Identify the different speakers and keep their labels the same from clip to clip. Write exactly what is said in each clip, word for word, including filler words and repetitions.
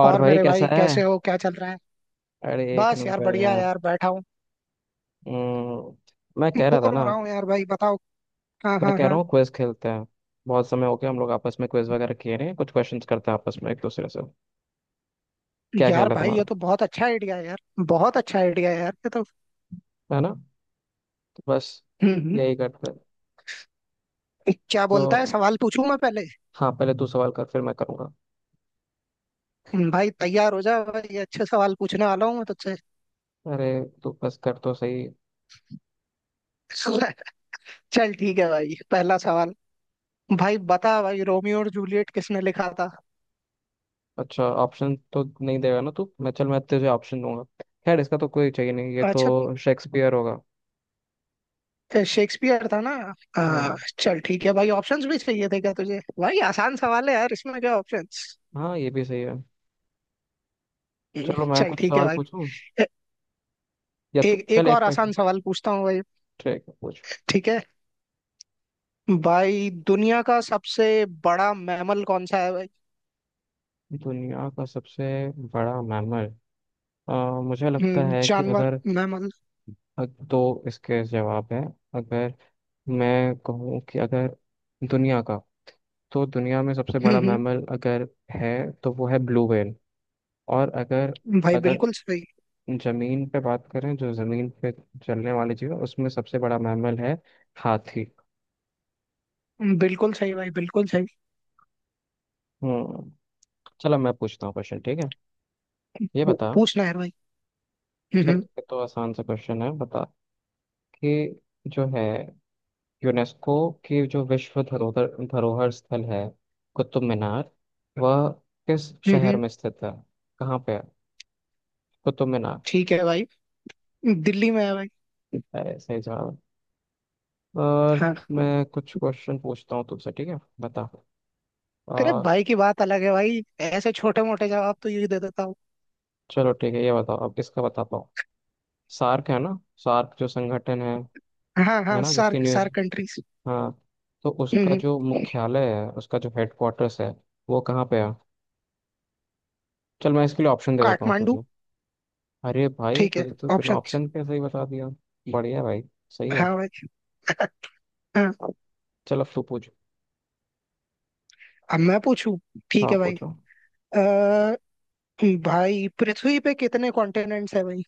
Speaker 1: और
Speaker 2: और
Speaker 1: भाई
Speaker 2: मेरे
Speaker 1: कैसा
Speaker 2: भाई
Speaker 1: है?
Speaker 2: कैसे हो? क्या चल रहा है?
Speaker 1: अरे एक
Speaker 2: बस यार
Speaker 1: नंबर
Speaker 2: बढ़िया
Speaker 1: यार।
Speaker 2: यार बैठा हूँ।
Speaker 1: हम्म, मैं कह रहा था
Speaker 2: बोर हो
Speaker 1: ना।
Speaker 2: रहा हूँ यार, भाई बताओ। हाँ
Speaker 1: मैं
Speaker 2: हाँ
Speaker 1: कह रहा
Speaker 2: हाँ।
Speaker 1: हूँ क्विज खेलते हैं। बहुत समय हो गया, हम लोग आपस में क्विज वगैरह किए नहीं, कुछ क्वेश्चंस करते हैं आपस में एक दूसरे से। क्या
Speaker 2: यार
Speaker 1: ख्याल है
Speaker 2: भाई ये
Speaker 1: तुम्हारा?
Speaker 2: तो बहुत अच्छा आइडिया है यार। बहुत अच्छा आइडिया है यार ये तो।
Speaker 1: है ना? तो बस
Speaker 2: हम्म हम्म।
Speaker 1: यही करते हैं।
Speaker 2: क्या बोलता है,
Speaker 1: तो
Speaker 2: सवाल पूछूं मैं पहले?
Speaker 1: हाँ, पहले तू सवाल कर फिर मैं करूँगा।
Speaker 2: हम्म, भाई तैयार हो जा भाई, अच्छे सवाल पूछने वाला हूँ मैं तुझसे।
Speaker 1: अरे तू बस कर तो सही।
Speaker 2: चल ठीक है भाई, पहला सवाल। भाई बता भाई, रोमियो और जूलियट किसने लिखा था?
Speaker 1: अच्छा, ऑप्शन तो नहीं देगा ना तू? मैं चल मैं तुझे ऑप्शन दूंगा। खैर, इसका तो कोई चाहिए नहीं, ये
Speaker 2: अच्छा,
Speaker 1: तो शेक्सपियर होगा।
Speaker 2: शेक्सपियर था ना। आ,
Speaker 1: हाँ
Speaker 2: चल ठीक है भाई, ऑप्शंस भी चाहिए थे क्या तुझे भाई? आसान सवाल है यार, इसमें क्या ऑप्शंस।
Speaker 1: हाँ, ये भी सही है। चलो मैं
Speaker 2: चल
Speaker 1: कुछ
Speaker 2: ठीक है
Speaker 1: सवाल
Speaker 2: भाई।
Speaker 1: पूछूं।
Speaker 2: ए,
Speaker 1: या तू
Speaker 2: एक
Speaker 1: चल
Speaker 2: एक और
Speaker 1: एक क्वेश्चन।
Speaker 2: आसान सवाल पूछता हूँ भाई।
Speaker 1: ठीक है पूछ।
Speaker 2: ठीक है भाई, दुनिया का सबसे बड़ा मैमल कौन सा है भाई?
Speaker 1: दुनिया का सबसे बड़ा मैमल। अ, मुझे लगता
Speaker 2: हम्म,
Speaker 1: है कि
Speaker 2: जानवर,
Speaker 1: अगर।
Speaker 2: मैमल।
Speaker 1: अ, दो इसके जवाब है। अगर मैं कहूँ कि अगर दुनिया का, तो दुनिया में सबसे बड़ा
Speaker 2: हम्म
Speaker 1: मैमल अगर है तो वो है ब्लू व्हेल। और अगर
Speaker 2: हम्म, भाई
Speaker 1: अगर
Speaker 2: बिल्कुल सही।
Speaker 1: जमीन पे बात करें, जो जमीन पे चलने वाली चीज है उसमें सबसे बड़ा मैमल है हाथी।
Speaker 2: बिल्कुल सही भाई, बिल्कुल सही।
Speaker 1: हम्म। चलो मैं पूछता हूँ क्वेश्चन, ठीक है ये
Speaker 2: पू-
Speaker 1: बता।
Speaker 2: पूछना है भाई।
Speaker 1: चल,
Speaker 2: हम्म
Speaker 1: ये तो आसान सा क्वेश्चन है, बता कि जो है यूनेस्को की जो विश्व धरोहर धरोहर स्थल है, कुतुब मीनार, वह किस
Speaker 2: हम्म
Speaker 1: शहर
Speaker 2: हम्म।
Speaker 1: में स्थित है? कहाँ पे है कुतुब मीनार?
Speaker 2: ठीक है भाई। दिल्ली में है भाई।
Speaker 1: अरे सही जवाब। और
Speaker 2: हाँ।
Speaker 1: मैं कुछ क्वेश्चन पूछता हूँ तुमसे, ठीक है बता।
Speaker 2: अरे
Speaker 1: आ,
Speaker 2: भाई की बात अलग है भाई, ऐसे छोटे मोटे जवाब तो यही दे देता हूँ।
Speaker 1: चलो ठीक है, ये बताओ अब इसका बता पाओ। सार्क है ना? सार्क जो संगठन है
Speaker 2: हाँ
Speaker 1: है
Speaker 2: हाँ,
Speaker 1: ना? जिसकी
Speaker 2: सार्क
Speaker 1: न्यूज़,
Speaker 2: सार्क कंट्रीज।
Speaker 1: हाँ, तो
Speaker 2: हम्म
Speaker 1: उसका जो
Speaker 2: हम्म।
Speaker 1: मुख्यालय है, उसका जो हेडक्वार्टर्स है, वो कहाँ पे है? चल मैं इसके लिए ऑप्शन दे देता हूँ
Speaker 2: काठमांडू।
Speaker 1: तुझे। अरे भाई,
Speaker 2: ठीक है,
Speaker 1: तुझे तो बिना
Speaker 2: ऑप्शंस।
Speaker 1: ऑप्शन के सही बता दिया। बढ़िया भाई, सही है।
Speaker 2: हाँ भाई। हाँ।
Speaker 1: चल अब तू पूछ।
Speaker 2: अब मैं पूछूं? ठीक
Speaker 1: हाँ
Speaker 2: है भाई।
Speaker 1: पूछो।
Speaker 2: अ, भाई पृथ्वी पे कितने कॉन्टिनेंट्स है भाई?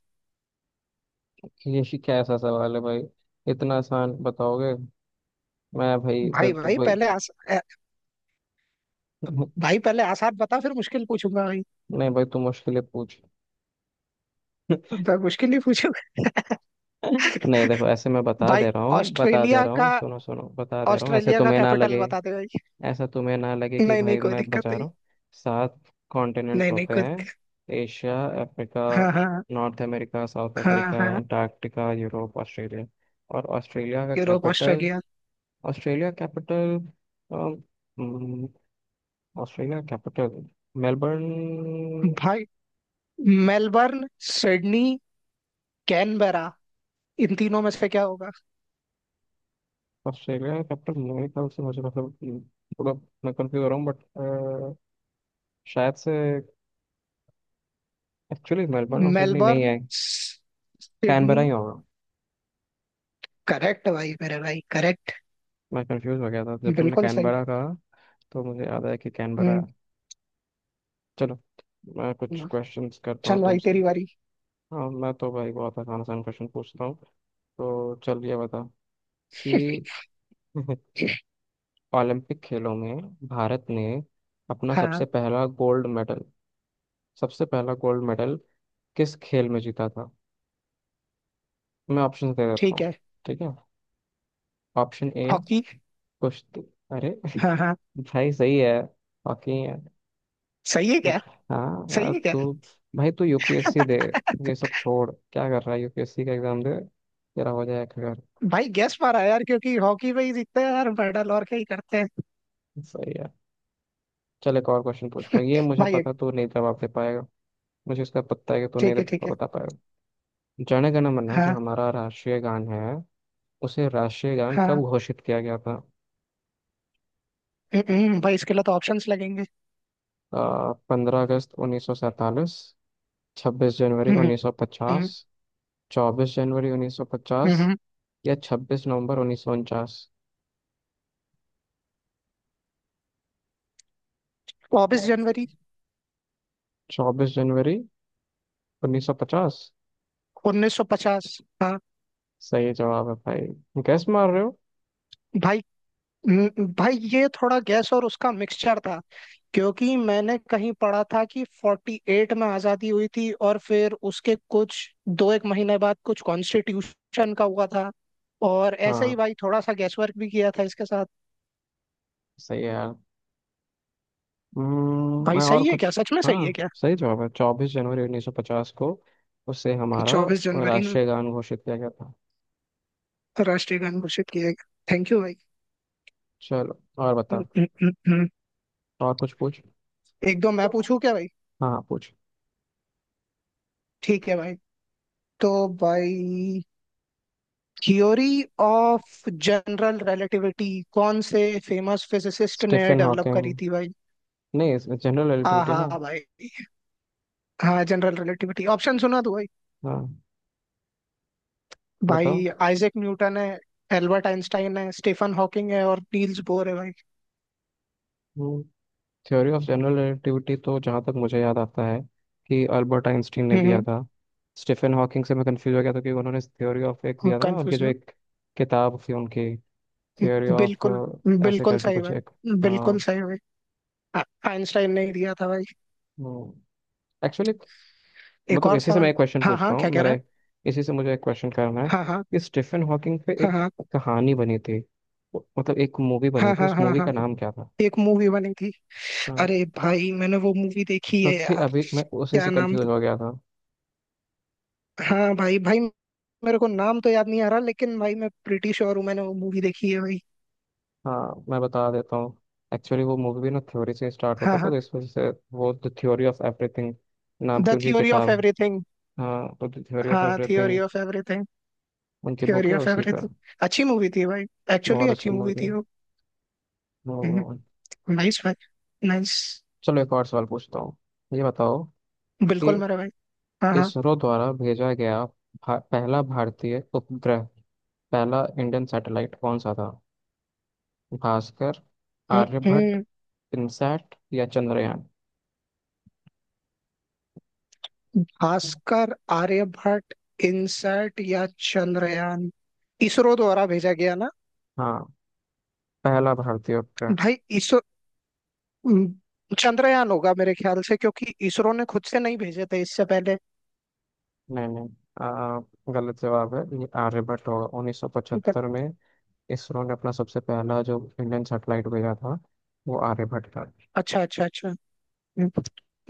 Speaker 1: ये शी- क्या ऐसा सवाल है भाई? इतना आसान बताओगे? मैं भाई फिर
Speaker 2: भाई
Speaker 1: तो
Speaker 2: भाई
Speaker 1: भाई।
Speaker 2: पहले आस अ, भाई पहले आसान बता फिर मुश्किल पूछूंगा भाई।
Speaker 1: नहीं भाई, तू मुश्किलें पूछ।
Speaker 2: तो मुश्किल ही पूछूंगा।
Speaker 1: नहीं देखो, ऐसे मैं बता
Speaker 2: भाई,
Speaker 1: दे रहा हूँ, बता दे
Speaker 2: ऑस्ट्रेलिया
Speaker 1: रहा
Speaker 2: का,
Speaker 1: हूँ, सुनो सुनो, बता दे रहा हूँ, ऐसे
Speaker 2: ऑस्ट्रेलिया का
Speaker 1: तुम्हें ना
Speaker 2: कैपिटल
Speaker 1: लगे,
Speaker 2: बता दे भाई।
Speaker 1: ऐसा तुम्हें ना लगे कि
Speaker 2: नहीं नहीं
Speaker 1: भाई
Speaker 2: कोई
Speaker 1: मैं
Speaker 2: दिक्कत
Speaker 1: बचा
Speaker 2: नहीं।
Speaker 1: रहा हूँ। सात कॉन्टिनेंट्स
Speaker 2: नहीं नहीं
Speaker 1: होते
Speaker 2: कोई
Speaker 1: हैं।
Speaker 2: दिक्कत-
Speaker 1: एशिया, अफ्रीका,
Speaker 2: हाँ हाँ
Speaker 1: नॉर्थ अमेरिका, साउथ
Speaker 2: हाँ
Speaker 1: अफ्रीका,
Speaker 2: हाँ।
Speaker 1: Antarctica, Europe, Australia. और ऑस्ट्रेलिया का
Speaker 2: Europe
Speaker 1: capital,
Speaker 2: Australia.
Speaker 1: Australia capital Australia capital Melbourne.
Speaker 2: भाई मेलबर्न, सिडनी, कैनबरा, इन तीनों में से क्या होगा?
Speaker 1: ऑस्ट्रेलिया कैपिटल, मेरे ख्याल से, मुझे मतलब, हम्म, थोड़ा मैं कंफ्यूज हो रहा हूँ बट शायद से एक्चुअली मेलबर्न और सिडनी नहीं
Speaker 2: मेलबर्न
Speaker 1: है, कैनबरा
Speaker 2: सिडनी।
Speaker 1: ही होगा।
Speaker 2: करेक्ट भाई मेरे भाई करेक्ट।
Speaker 1: मैं कंफ्यूज हो गया था जब तुमने
Speaker 2: बिल्कुल सही।
Speaker 1: कैनबरा कहा, तो मुझे याद है कि कैनबरा
Speaker 2: हम्म।
Speaker 1: है। चलो मैं कुछ
Speaker 2: हम्म,
Speaker 1: क्वेश्चंस करता हूँ
Speaker 2: चल भाई
Speaker 1: तुमसे।
Speaker 2: तेरी बारी।
Speaker 1: हाँ, मैं तो भाई बहुत आसान आसान क्वेश्चन पूछता हूँ। तो चल ये बता कि ओलंपिक खेलों में भारत ने अपना सबसे
Speaker 2: हाँ।
Speaker 1: पहला गोल्ड मेडल, सबसे पहला गोल्ड मेडल किस खेल में जीता था? मैं ऑप्शन दे देता
Speaker 2: ठीक
Speaker 1: हूँ।
Speaker 2: है।
Speaker 1: ठीक है, ऑप्शन ए,
Speaker 2: हॉकी।
Speaker 1: कुश्ती। अरे
Speaker 2: हाँ हाँ।
Speaker 1: भाई सही है। बाकी,
Speaker 2: सही है क्या?
Speaker 1: हाँ,
Speaker 2: सही
Speaker 1: आज
Speaker 2: है क्या?
Speaker 1: तो भाई तू यूपीएससी दे। ये सब छोड़, क्या कर रहा है, यूपीएससी का एग्जाम दे, तेरा हो जाएगा घर।
Speaker 2: भाई गेस मारा यार क्योंकि हॉकी में ही जीतते हैं यार मेडल, और क्या ही करते हैं।
Speaker 1: सही है। चल एक और क्वेश्चन पूछता हूँ, ये मुझे
Speaker 2: भाई ये-
Speaker 1: पता तू नहीं जवाब दे पाएगा। मुझे इसका पता है कि तू नहीं
Speaker 2: ठीक
Speaker 1: दे-
Speaker 2: है ठीक है।
Speaker 1: बता पाएगा। जन गण मन, जो
Speaker 2: हाँ
Speaker 1: हमारा राष्ट्रीय गान है, उसे राष्ट्रीय गान कब
Speaker 2: हाँ।
Speaker 1: घोषित किया गया था?
Speaker 2: हम्म, हम्म, भाई इसके लिए तो ऑप्शंस लगेंगे।
Speaker 1: पंद्रह अगस्त उन्नीस सौ सैंतालीस, छब्बीस जनवरी
Speaker 2: हम्म
Speaker 1: उन्नीस सौ
Speaker 2: हम्म
Speaker 1: पचास, चौबीस जनवरी उन्नीस सौ
Speaker 2: हम्म।
Speaker 1: पचास,
Speaker 2: हम्म।
Speaker 1: या छब्बीस नवंबर उन्नीस सौ उनचास?
Speaker 2: चौबीस जनवरी
Speaker 1: चौबीस जनवरी उन्नीस सौ पचास,
Speaker 2: उन्नीस सौ पचास। हाँ
Speaker 1: सही जवाब है भाई, गैस मार रहे हो।
Speaker 2: भाई। हम्म, भाई ये थोड़ा गैस और उसका मिक्सचर था, क्योंकि मैंने कहीं पढ़ा था कि अड़तालीस में आजादी हुई थी और फिर उसके कुछ दो एक महीने बाद कुछ कॉन्स्टिट्यूशन का हुआ था, और ऐसे
Speaker 1: हाँ
Speaker 2: ही भाई थोड़ा सा गैस वर्क भी किया था इसके साथ।
Speaker 1: सही है यार। हम्म,
Speaker 2: भाई
Speaker 1: मैं और
Speaker 2: सही है
Speaker 1: कुछ,
Speaker 2: क्या, सच में सही है
Speaker 1: हाँ
Speaker 2: क्या?
Speaker 1: सही जवाब है, चौबीस जनवरी उन्नीस सौ पचास को उसे हमारा
Speaker 2: चौबीस जनवरी ना।
Speaker 1: राष्ट्रीय गान घोषित किया गया था।
Speaker 2: राष्ट्रीय गान घोषित किया गया। थैंक यू भाई।
Speaker 1: चलो और बता।
Speaker 2: हम्म, हम्म, हम्म।
Speaker 1: और कुछ पूछ।
Speaker 2: एक दो मैं पूछूं क्या भाई?
Speaker 1: हाँ पूछ।
Speaker 2: ठीक है भाई। तो भाई, थ्योरी ऑफ जनरल रिलेटिविटी कौन से फेमस फिजिसिस्ट ने
Speaker 1: स्टीफन
Speaker 2: डेवलप
Speaker 1: हॉकिंग?
Speaker 2: करी थी भाई?
Speaker 1: नहीं, जनरल रिलेटिविटी ना?
Speaker 2: आहा भाई। हाँ, जनरल रिलेटिविटी ऑप्शन सुना तो भाई।
Speaker 1: हाँ बताओ।
Speaker 2: भाई आइजैक न्यूटन है, एल्बर्ट आइंस्टाइन है, स्टीफन हॉकिंग है और नील्स बोर है भाई।
Speaker 1: हम्म। थ्योरी ऑफ जनरल रिलेटिविटी तो जहाँ तक मुझे याद आता है कि अल्बर्ट आइंस्टीन ने दिया
Speaker 2: हम्म।
Speaker 1: था। स्टीफन हॉकिंग से मैं कंफ्यूज हो गया था क्योंकि उन्होंने थ्योरी ऑफ एक दिया था, उनकी
Speaker 2: कंफ्यूज
Speaker 1: जो
Speaker 2: ना।
Speaker 1: एक किताब थी, उनकी थ्योरी ऑफ
Speaker 2: बिल्कुल।
Speaker 1: ऐसे
Speaker 2: बिल्कुल
Speaker 1: करके
Speaker 2: सही
Speaker 1: कुछ एक।
Speaker 2: भाई, बिल्कुल
Speaker 1: हाँ।
Speaker 2: सही भाई। आ- आइंस्टाइन ने ही दिया था भाई।
Speaker 1: एक्चुअली
Speaker 2: एक
Speaker 1: मतलब
Speaker 2: और
Speaker 1: इसी से मैं
Speaker 2: सवाल।
Speaker 1: एक क्वेश्चन
Speaker 2: हाँ
Speaker 1: पूछता
Speaker 2: हाँ,
Speaker 1: हूँ,
Speaker 2: क्या कह
Speaker 1: मेरा
Speaker 2: रहा
Speaker 1: एक-
Speaker 2: है?
Speaker 1: इसी से मुझे एक क्वेश्चन करना है
Speaker 2: हाँ हाँ।
Speaker 1: कि स्टीफन हॉकिंग पे
Speaker 2: हाँ
Speaker 1: एक
Speaker 2: हाँ।
Speaker 1: कहानी बनी थी, वो- मतलब एक मूवी बनी
Speaker 2: हाँ
Speaker 1: थी,
Speaker 2: हाँ
Speaker 1: उस
Speaker 2: हाँ
Speaker 1: मूवी
Speaker 2: हाँ।
Speaker 1: का नाम क्या था?
Speaker 2: एक मूवी बनी थी।
Speaker 1: हाँ।
Speaker 2: अरे भाई मैंने वो मूवी देखी है
Speaker 1: क्योंकि
Speaker 2: यार।
Speaker 1: अभी मैं उसी
Speaker 2: क्या
Speaker 1: से
Speaker 2: नाम
Speaker 1: कंफ्यूज
Speaker 2: था?
Speaker 1: हो गया था।
Speaker 2: हाँ भाई भाई, मेरे को नाम तो याद नहीं आ रहा लेकिन भाई मैं प्रिटी श्योर हूँ मैंने वो मूवी देखी है भाई।
Speaker 1: हाँ मैं बता देता हूँ। एक्चुअली वो मूवी भी ना थ्योरी से स्टार्ट
Speaker 2: हाँ
Speaker 1: होता था,
Speaker 2: हाँ।
Speaker 1: तो इस वजह से वो द थ्योरी ऑफ एवरीथिंग नाम की
Speaker 2: द
Speaker 1: उनकी
Speaker 2: थ्योरी ऑफ
Speaker 1: किताब है।
Speaker 2: एवरीथिंग।
Speaker 1: हाँ, तो द थ्योरी ऑफ
Speaker 2: हाँ थ्योरी
Speaker 1: एवरीथिंग
Speaker 2: ऑफ एवरीथिंग।
Speaker 1: उनकी बुक
Speaker 2: थ्योरी
Speaker 1: है,
Speaker 2: ऑफ
Speaker 1: उसी पर।
Speaker 2: एवरीथिंग। अच्छी मूवी थी भाई। एक्चुअली
Speaker 1: बहुत अच्छी
Speaker 2: अच्छी मूवी
Speaker 1: मूवी
Speaker 2: थी
Speaker 1: है।
Speaker 2: वो।
Speaker 1: हम्म,
Speaker 2: नाइस भाई, नाइस।
Speaker 1: चलो एक और सवाल पूछता हूँ। ये बताओ कि
Speaker 2: बिल्कुल मेरा भाई। हाँ हाँ।
Speaker 1: इसरो द्वारा भेजा गया भा, पहला भारतीय उपग्रह, पहला इंडियन सैटेलाइट कौन सा था? भास्कर,
Speaker 2: हम्म,
Speaker 1: आर्यभट्ट,
Speaker 2: हम्म।
Speaker 1: इनसैट या चंद्रयान?
Speaker 2: भास्कर, आर्यभट्ट, इनसैट या चंद्रयान। इसरो द्वारा भेजा गया ना?
Speaker 1: हाँ, पहला भारतीय उपग्रह।
Speaker 2: भाई इसरो, हम्म, चंद्रयान होगा मेरे ख्याल से, क्योंकि इसरो ने खुद से नहीं भेजे थे इससे पहले।
Speaker 1: नहीं नहीं। आ, गलत जवाब है ये, आर्यभट्ट होगा। उन्नीस सौ पचहत्तर में इसरो ने अपना सबसे पहला जो इंडियन सैटेलाइट भेजा था, वो आर्यभट्ट था।
Speaker 2: अच्छा अच्छा अच्छा।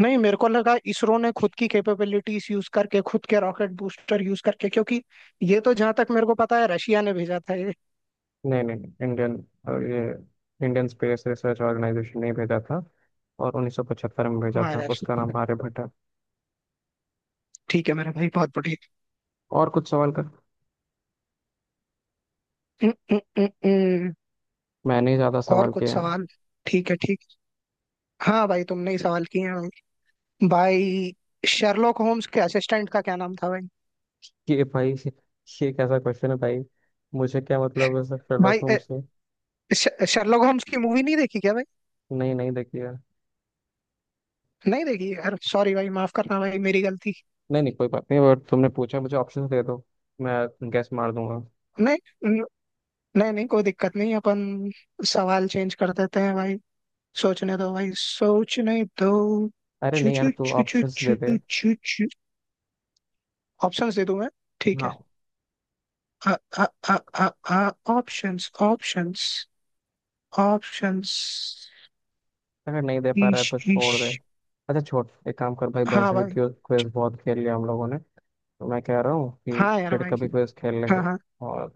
Speaker 2: नहीं, मेरे को लगा इसरो ने खुद की कैपेबिलिटीज यूज करके, खुद के रॉकेट बूस्टर यूज करके, क्योंकि ये तो जहां तक मेरे को पता है रशिया ने भेजा था ये।
Speaker 1: नहीं नहीं नहीं, इंडियन, अ, ये इंडियन स्पेस रिसर्च ऑर्गेनाइजेशन ने भेजा था, और उन्नीस सौ पचहत्तर में भेजा
Speaker 2: हाँ
Speaker 1: था, उसका
Speaker 2: रशिया।
Speaker 1: नाम आर्यभट्ट है।
Speaker 2: ठीक है मेरे भाई, बहुत बढ़िया।
Speaker 1: और कुछ सवाल कर।
Speaker 2: उम, उम, उम, उम।
Speaker 1: मैंने ही ज्यादा
Speaker 2: और
Speaker 1: सवाल किए
Speaker 2: कुछ
Speaker 1: हैं।
Speaker 2: सवाल ठीक है ठीक है। हाँ भाई तुमने ही सवाल किए हैं भाई। भाई शर्लॉक होम्स के असिस्टेंट का क्या नाम था भाई?
Speaker 1: कि भाई, ये कैसा क्वेश्चन है भाई? मुझे क्या मतलब है सर शेरलॉक
Speaker 2: भाई अ,
Speaker 1: होम्स से?
Speaker 2: श- शर्लॉक होम्स की मूवी नहीं देखी क्या भाई?
Speaker 1: नहीं नहीं देखिए।
Speaker 2: नहीं देखी यार, सॉरी भाई माफ करना भाई मेरी गलती।
Speaker 1: नहीं नहीं कोई बात नहीं, और तुमने पूछा मुझे, ऑप्शन दे दो, मैं गैस मार दूंगा।
Speaker 2: नहीं नहीं नहीं कोई दिक्कत नहीं, अपन सवाल चेंज कर देते हैं भाई। सोचने दो भाई, सोचने दो।
Speaker 1: अरे
Speaker 2: चू
Speaker 1: नहीं यार,
Speaker 2: चू
Speaker 1: तू
Speaker 2: चू चू
Speaker 1: ऑप्शंस दे
Speaker 2: चू
Speaker 1: दे।
Speaker 2: चू चू। ऑप्शंस दे दूं मैं? ठीक
Speaker 1: हाँ।
Speaker 2: है। आ आ आ आ आ ऑप्शंस ऑप्शंस ऑप्शंस।
Speaker 1: अगर नहीं दे पा रहा
Speaker 2: ईश
Speaker 1: है तो
Speaker 2: ईश।
Speaker 1: छोड़ दे। अच्छा छोड़, एक काम कर भाई,
Speaker 2: हाँ
Speaker 1: वैसे भी
Speaker 2: भाई।
Speaker 1: क्विज क्विज बहुत खेल लिया हम लोगों ने। तो मैं कह रहा हूँ कि
Speaker 2: हाँ यार
Speaker 1: फिर
Speaker 2: भाई।
Speaker 1: कभी क्विज खेल
Speaker 2: हाँ
Speaker 1: लेंगे।
Speaker 2: हाँ।
Speaker 1: और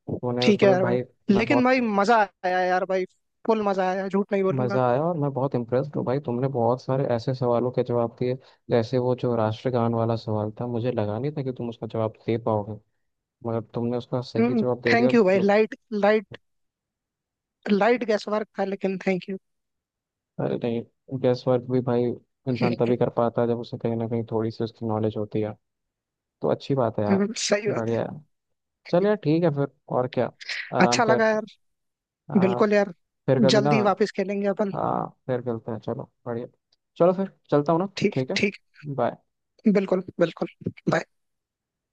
Speaker 1: तूने
Speaker 2: ठीक है
Speaker 1: मतलब
Speaker 2: यार भाई,
Speaker 1: भाई, मैं
Speaker 2: लेकिन
Speaker 1: बहुत
Speaker 2: भाई मजा आया यार भाई, फुल मजा आया, झूठ नहीं बोलूंगा।
Speaker 1: मज़ा आया, और मैं बहुत इम्प्रेस्ड हूँ भाई, तुमने बहुत सारे ऐसे सवालों के जवाब दिए, जैसे वो जो राष्ट्रगान वाला सवाल था, मुझे लगा नहीं था कि तुम उसका जवाब दे पाओगे, मगर तुमने उसका सही
Speaker 2: हम्म
Speaker 1: जवाब दे दिया,
Speaker 2: थैंक यू भाई,
Speaker 1: मतलब।
Speaker 2: Light light, light guesswork था, लेकिन थैंक यू।
Speaker 1: अरे नहीं, गेस वर्क भी भाई इंसान तभी कर पाता है जब उसे कहीं ना कहीं थोड़ी सी उसकी नॉलेज होती है। तो अच्छी बात है यार।
Speaker 2: सही बात
Speaker 1: बढ़िया है। चल
Speaker 2: है।
Speaker 1: यार, ठीक है फिर, और क्या, आराम
Speaker 2: अच्छा
Speaker 1: कर।
Speaker 2: लगा यार।
Speaker 1: आ,
Speaker 2: बिल्कुल यार।
Speaker 1: फिर कभी ना।
Speaker 2: जल्दी वापस खेलेंगे अपन।
Speaker 1: हाँ फिर मिलते हैं, चलो बढ़िया। चलो फिर चलता हूँ ना।
Speaker 2: ठीक
Speaker 1: ठीक है।
Speaker 2: ठीक।
Speaker 1: बाय।
Speaker 2: बिल्कुल बिल्कुल। Bye.